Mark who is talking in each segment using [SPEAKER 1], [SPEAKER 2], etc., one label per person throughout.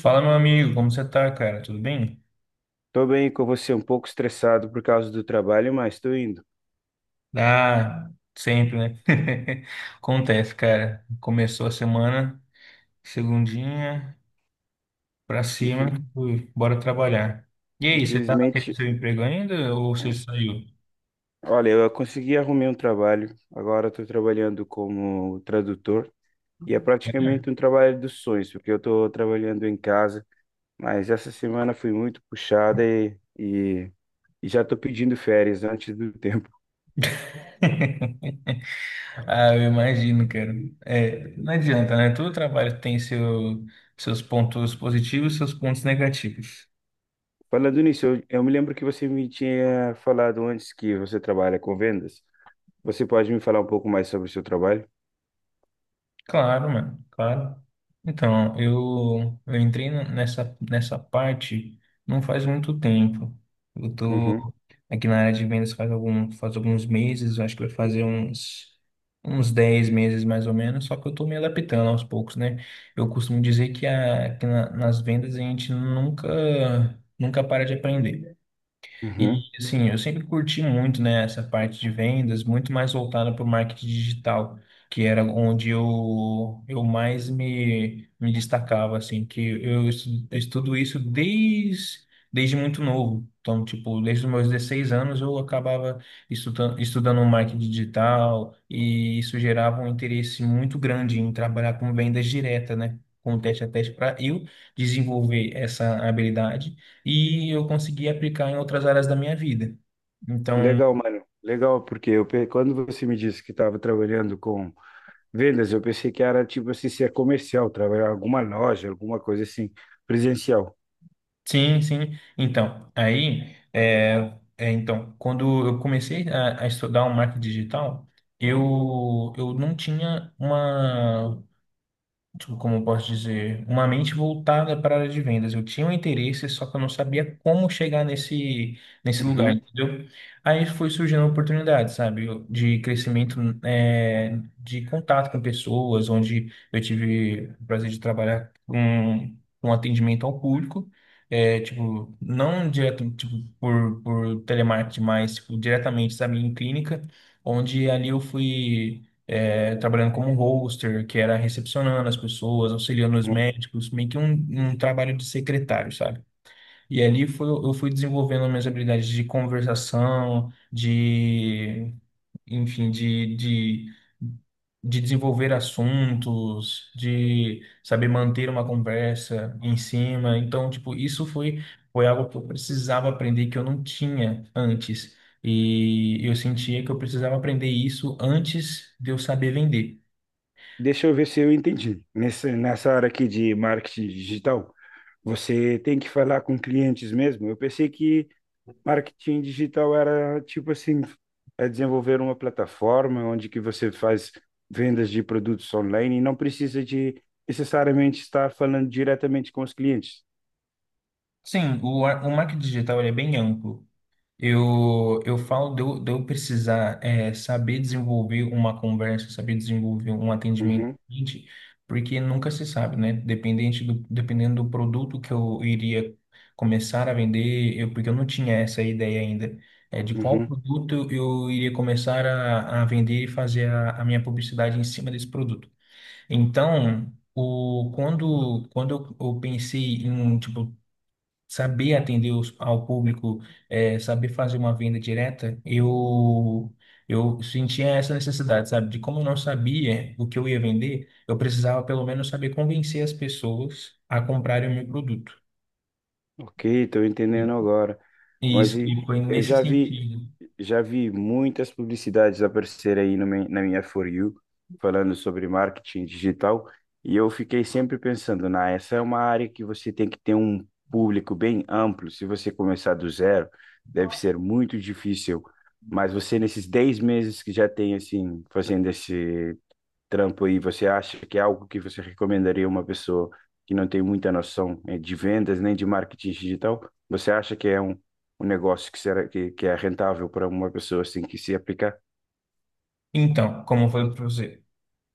[SPEAKER 1] Fala, meu amigo, como você tá, cara? Tudo bem?
[SPEAKER 2] Tô bem com você, um pouco estressado por causa do trabalho, mas tô indo.
[SPEAKER 1] Ah, sempre, né? Acontece, cara. Começou a semana, segundinha, pra cima,
[SPEAKER 2] Infel-
[SPEAKER 1] fui, bora trabalhar. E aí, você tá naquele
[SPEAKER 2] Infelizmente,
[SPEAKER 1] seu emprego ainda ou você saiu?
[SPEAKER 2] olha, eu consegui arrumar um trabalho. Agora estou trabalhando como tradutor e é
[SPEAKER 1] É.
[SPEAKER 2] praticamente um trabalho dos sonhos, porque eu estou trabalhando em casa. Mas essa semana foi muito puxada e já estou pedindo férias antes do tempo.
[SPEAKER 1] Ah, eu imagino, cara. É, não adianta, né? Todo trabalho tem seus pontos positivos e seus pontos negativos.
[SPEAKER 2] Falando nisso, eu me lembro que você me tinha falado antes que você trabalha com vendas. Você pode me falar um pouco mais sobre o seu trabalho?
[SPEAKER 1] Claro, mano, claro. Então, eu entrei nessa parte não faz muito tempo. Eu
[SPEAKER 2] Uhum,
[SPEAKER 1] tô aqui na área de vendas faz alguns meses, eu acho que vai fazer uns, uns 10 meses mais ou menos, só que eu tô me adaptando aos poucos, né? Eu costumo dizer que nas vendas a gente nunca para de aprender.
[SPEAKER 2] uhum.
[SPEAKER 1] E assim, eu sempre curti muito, né, essa parte de vendas, muito mais voltada para o marketing digital, que era onde eu mais me destacava, assim, que eu estudo isso desde muito novo. Então, tipo, desde os meus 16 anos eu acabava estudando um marketing digital, e isso gerava um interesse muito grande em trabalhar com vendas direta, né? Com teste a teste para eu desenvolver essa habilidade e eu consegui aplicar em outras áreas da minha vida. Então,
[SPEAKER 2] Legal, mano. Legal, porque quando você me disse que estava trabalhando com vendas, eu pensei que era tipo assim, ser comercial, trabalhar em alguma loja, alguma coisa assim, presencial.
[SPEAKER 1] sim, sim. Então, aí, então, quando eu comecei a estudar o marketing digital, eu não tinha uma, tipo, como eu posso dizer, uma mente voltada para a área de vendas. Eu tinha um interesse, só que eu não sabia como chegar nesse lugar,
[SPEAKER 2] Uhum,
[SPEAKER 1] entendeu? Aí foi surgindo oportunidade, sabe, de crescimento, de contato com pessoas, onde eu tive o prazer de trabalhar com atendimento ao público. É, tipo, não direto, tipo, por telemarketing, mas, tipo, diretamente, sabe, em clínica, onde ali eu fui, trabalhando como roster, que era recepcionando as pessoas, auxiliando os
[SPEAKER 2] uhum.
[SPEAKER 1] médicos, meio que um trabalho de secretário, sabe? E ali foi, eu fui desenvolvendo minhas habilidades de conversação, de, enfim, de desenvolver assuntos, de saber manter uma conversa em cima. Então, tipo, isso foi, foi algo que eu precisava aprender que eu não tinha antes. E eu sentia que eu precisava aprender isso antes de eu saber vender.
[SPEAKER 2] Deixa eu ver se eu entendi. Nessa área aqui de marketing digital, você tem que falar com clientes mesmo. Eu pensei que marketing digital era tipo assim, é desenvolver uma plataforma onde que você faz vendas de produtos online e não precisa de necessariamente estar falando diretamente com os clientes.
[SPEAKER 1] Sim, o marketing digital ele é bem amplo. Eu falo de eu precisar, saber desenvolver uma conversa, saber desenvolver um atendimento ao
[SPEAKER 2] Uhum,
[SPEAKER 1] cliente, porque nunca se sabe, né? Dependendo do produto que eu iria começar a vender, porque eu não tinha essa ideia ainda, de qual
[SPEAKER 2] uhum.
[SPEAKER 1] produto eu iria começar a vender e fazer a minha publicidade em cima desse produto. Então, quando eu pensei em, tipo, saber atender ao público, saber fazer uma venda direta, eu sentia essa necessidade, sabe? De como eu não sabia o que eu ia vender, eu precisava pelo menos saber convencer as pessoas a comprarem o meu produto.
[SPEAKER 2] Ok, estou
[SPEAKER 1] E
[SPEAKER 2] entendendo agora.
[SPEAKER 1] e
[SPEAKER 2] Mas
[SPEAKER 1] isso
[SPEAKER 2] e-
[SPEAKER 1] que foi
[SPEAKER 2] eu
[SPEAKER 1] nesse
[SPEAKER 2] já vi,
[SPEAKER 1] sentido.
[SPEAKER 2] já vi muitas publicidades aparecer aí no meu- na minha For You, falando sobre marketing digital, e eu fiquei sempre pensando, na, essa é uma área que você tem que ter um público bem amplo. Se você começar do zero, deve ser muito difícil. Mas você, nesses 10 meses que já tem, assim, fazendo esse trampo aí, você acha que é algo que você recomendaria a uma pessoa que não tem muita noção de vendas nem de marketing digital? Você acha que é um negócio que será que é rentável para uma pessoa assim que se aplicar?
[SPEAKER 1] Então, como foi para você?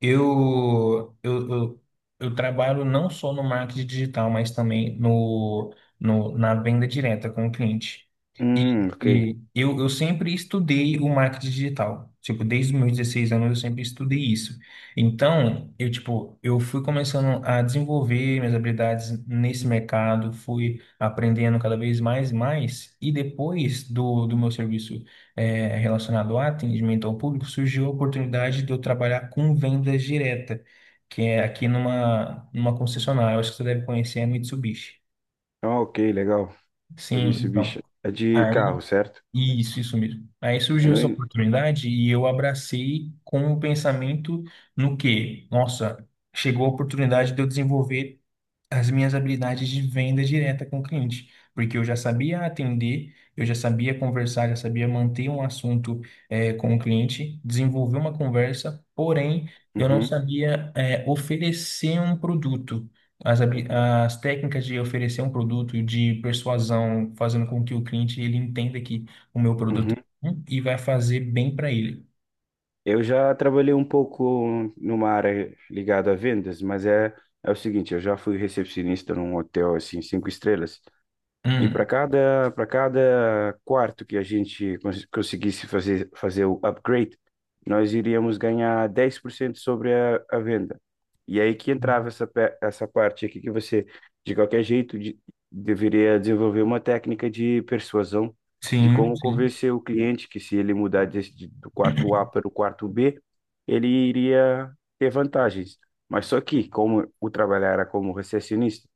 [SPEAKER 1] Eu, eu, eu, eu trabalho não só no marketing digital, mas também no, no, na venda direta com o cliente. E,
[SPEAKER 2] Ok.
[SPEAKER 1] e eu sempre estudei o marketing digital. Tipo, desde os meus 16 anos eu sempre estudei isso. Então, tipo, eu fui começando a desenvolver minhas habilidades nesse mercado, fui aprendendo cada vez mais e mais. E depois do meu serviço, relacionado a atendimento ao público, surgiu a oportunidade de eu trabalhar com vendas direta, que é aqui numa, numa concessionária, eu acho que você deve conhecer, a Mitsubishi.
[SPEAKER 2] Ah, ok, legal. Da
[SPEAKER 1] Sim,
[SPEAKER 2] Mitsubishi.
[SPEAKER 1] então,
[SPEAKER 2] É de
[SPEAKER 1] aí,
[SPEAKER 2] carro, certo?
[SPEAKER 1] isso mesmo. Aí
[SPEAKER 2] Eu
[SPEAKER 1] surgiu
[SPEAKER 2] não...
[SPEAKER 1] essa
[SPEAKER 2] en-
[SPEAKER 1] oportunidade e eu abracei com o pensamento, no que, nossa, chegou a oportunidade de eu desenvolver as minhas habilidades de venda direta com o cliente, porque eu já sabia atender, eu já sabia conversar, já sabia manter um assunto, com o cliente, desenvolver uma conversa, porém eu não
[SPEAKER 2] Uhum,
[SPEAKER 1] sabia, oferecer um produto. As técnicas de oferecer um produto, de persuasão, fazendo com que o cliente ele entenda que o meu produto
[SPEAKER 2] uhum.
[SPEAKER 1] é bom e vai fazer bem para ele.
[SPEAKER 2] Eu já trabalhei um pouco numa área ligada a vendas, mas é o seguinte, eu já fui recepcionista num hotel assim, 5 estrelas. E para
[SPEAKER 1] Hum.
[SPEAKER 2] cada, para cada quarto que a gente conseguisse fazer o upgrade, nós iríamos ganhar 10% sobre a venda. E é aí que entrava essa parte aqui que você, de qualquer jeito, deveria desenvolver uma técnica de persuasão, de
[SPEAKER 1] Sim,
[SPEAKER 2] como
[SPEAKER 1] sim.
[SPEAKER 2] convencer o cliente que se ele mudar do quarto A para o quarto B, ele iria ter vantagens. Mas só que, como o trabalho era como recepcionista,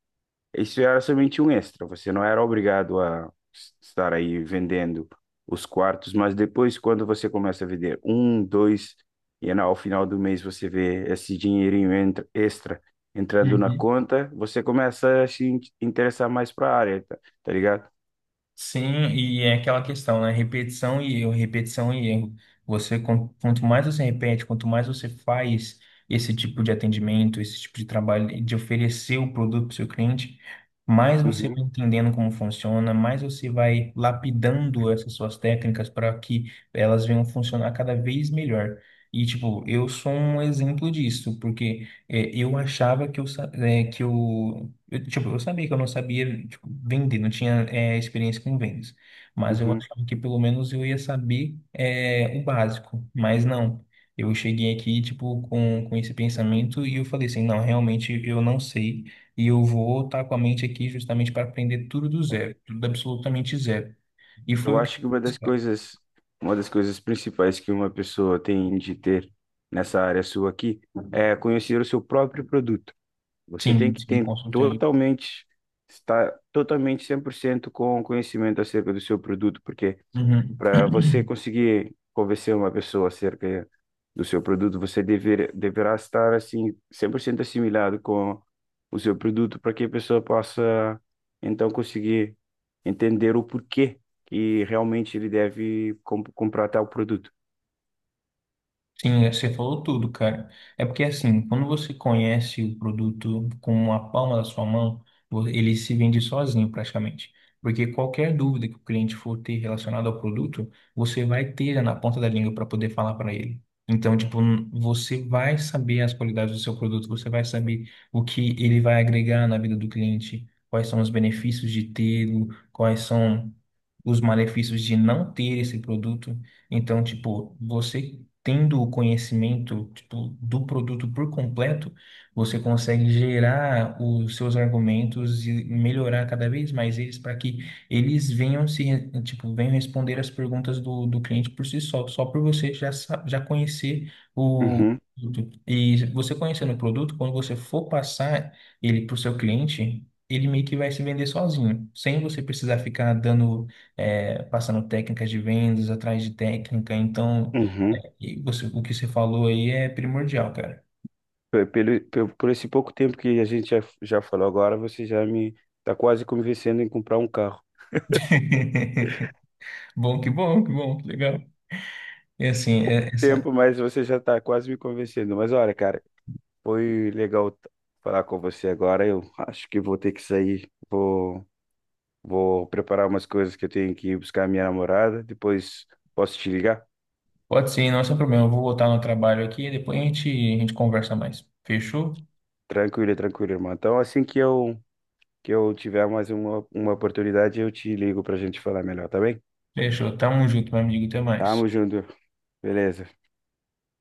[SPEAKER 2] isso era somente um extra, você não era obrigado estar aí vendendo os quartos, mas depois, quando você começa a vender um, dois, e ao final do mês você vê esse dinheirinho extra entrando na
[SPEAKER 1] Uhum.
[SPEAKER 2] conta, você começa a se in- interessar mais para a área, tá, tá ligado?
[SPEAKER 1] Sim, e é aquela questão, né? Repetição e erro, repetição e erro. Você, quanto mais você repete, quanto mais você faz esse tipo de atendimento, esse tipo de trabalho, de oferecer o produto para o seu cliente, mais você
[SPEAKER 2] Uhum,
[SPEAKER 1] vai entendendo como funciona, mais você vai lapidando essas suas técnicas para que elas venham funcionar cada vez melhor. E, tipo, eu sou um exemplo disso, porque eu achava que eu sabia que eu não sabia, tipo, vender, não tinha, experiência com vendas. Mas eu
[SPEAKER 2] uhum.
[SPEAKER 1] achava que pelo menos eu ia saber, o básico. Mas não. Eu cheguei aqui, tipo, com esse pensamento, e eu falei assim, não, realmente eu não sei. E eu vou estar com a mente aqui justamente para aprender tudo do zero. Tudo absolutamente zero. E
[SPEAKER 2] Eu
[SPEAKER 1] foi o que eu
[SPEAKER 2] acho que uma
[SPEAKER 1] fiz,
[SPEAKER 2] das
[SPEAKER 1] cara.
[SPEAKER 2] coisas, uma das coisas principais que uma pessoa tem de ter nessa área sua aqui é conhecer o seu próprio produto. Você tem
[SPEAKER 1] Sim,
[SPEAKER 2] que
[SPEAKER 1] sim,
[SPEAKER 2] ter
[SPEAKER 1] consultei.
[SPEAKER 2] totalmente, estar totalmente 100% com conhecimento acerca do seu produto, porque
[SPEAKER 1] Uhum.
[SPEAKER 2] para você conseguir convencer uma pessoa acerca do seu produto, você deverá estar assim 100% assimilado com o seu produto para que a pessoa possa então conseguir entender o porquê que realmente ele deve comprar tal produto.
[SPEAKER 1] Sim, é, você falou tudo, cara. É porque assim, quando você conhece o produto com a palma da sua mão, ele se vende sozinho praticamente. Porque qualquer dúvida que o cliente for ter relacionada ao produto, você vai ter na ponta da língua para poder falar para ele. Então, tipo, você vai saber as qualidades do seu produto, você vai saber o que ele vai agregar na vida do cliente, quais são os benefícios de tê-lo, quais são os malefícios de não ter esse produto. Então, tipo, você tendo o conhecimento, tipo, do produto por completo, você consegue gerar os seus argumentos e melhorar cada vez mais eles para que eles venham se, re- tipo, venham responder as perguntas do cliente por si só, só por você já conhecer o
[SPEAKER 2] Uhum,
[SPEAKER 1] produto. E você conhecendo o produto, quando você for passar ele para o seu cliente, ele meio que vai se vender sozinho, sem você precisar ficar dando, passando técnicas de vendas atrás de técnica. Então,
[SPEAKER 2] uhum.
[SPEAKER 1] e você, o que você falou aí é primordial, cara.
[SPEAKER 2] Por esse pouco tempo que a gente já falou agora, você já me está quase convencendo em comprar um carro.
[SPEAKER 1] Bom, que bom, que bom, que legal. E assim, essa,
[SPEAKER 2] Tempo, mas você já está quase me convencendo. Mas olha, cara, foi legal falar com você agora. Eu acho que vou ter que sair. Vou preparar umas coisas que eu tenho que ir buscar a minha namorada. Depois posso te ligar?
[SPEAKER 1] pode ser, não é só problema. Eu vou voltar no trabalho aqui e depois a gente conversa mais. Fechou?
[SPEAKER 2] Tranquilo, tranquilo, irmão. Então, assim que eu tiver mais uma oportunidade, eu te ligo pra gente falar melhor, tá bem?
[SPEAKER 1] Fechou. Tamo junto, meu amigo. Até mais.
[SPEAKER 2] Tamo junto. Beleza.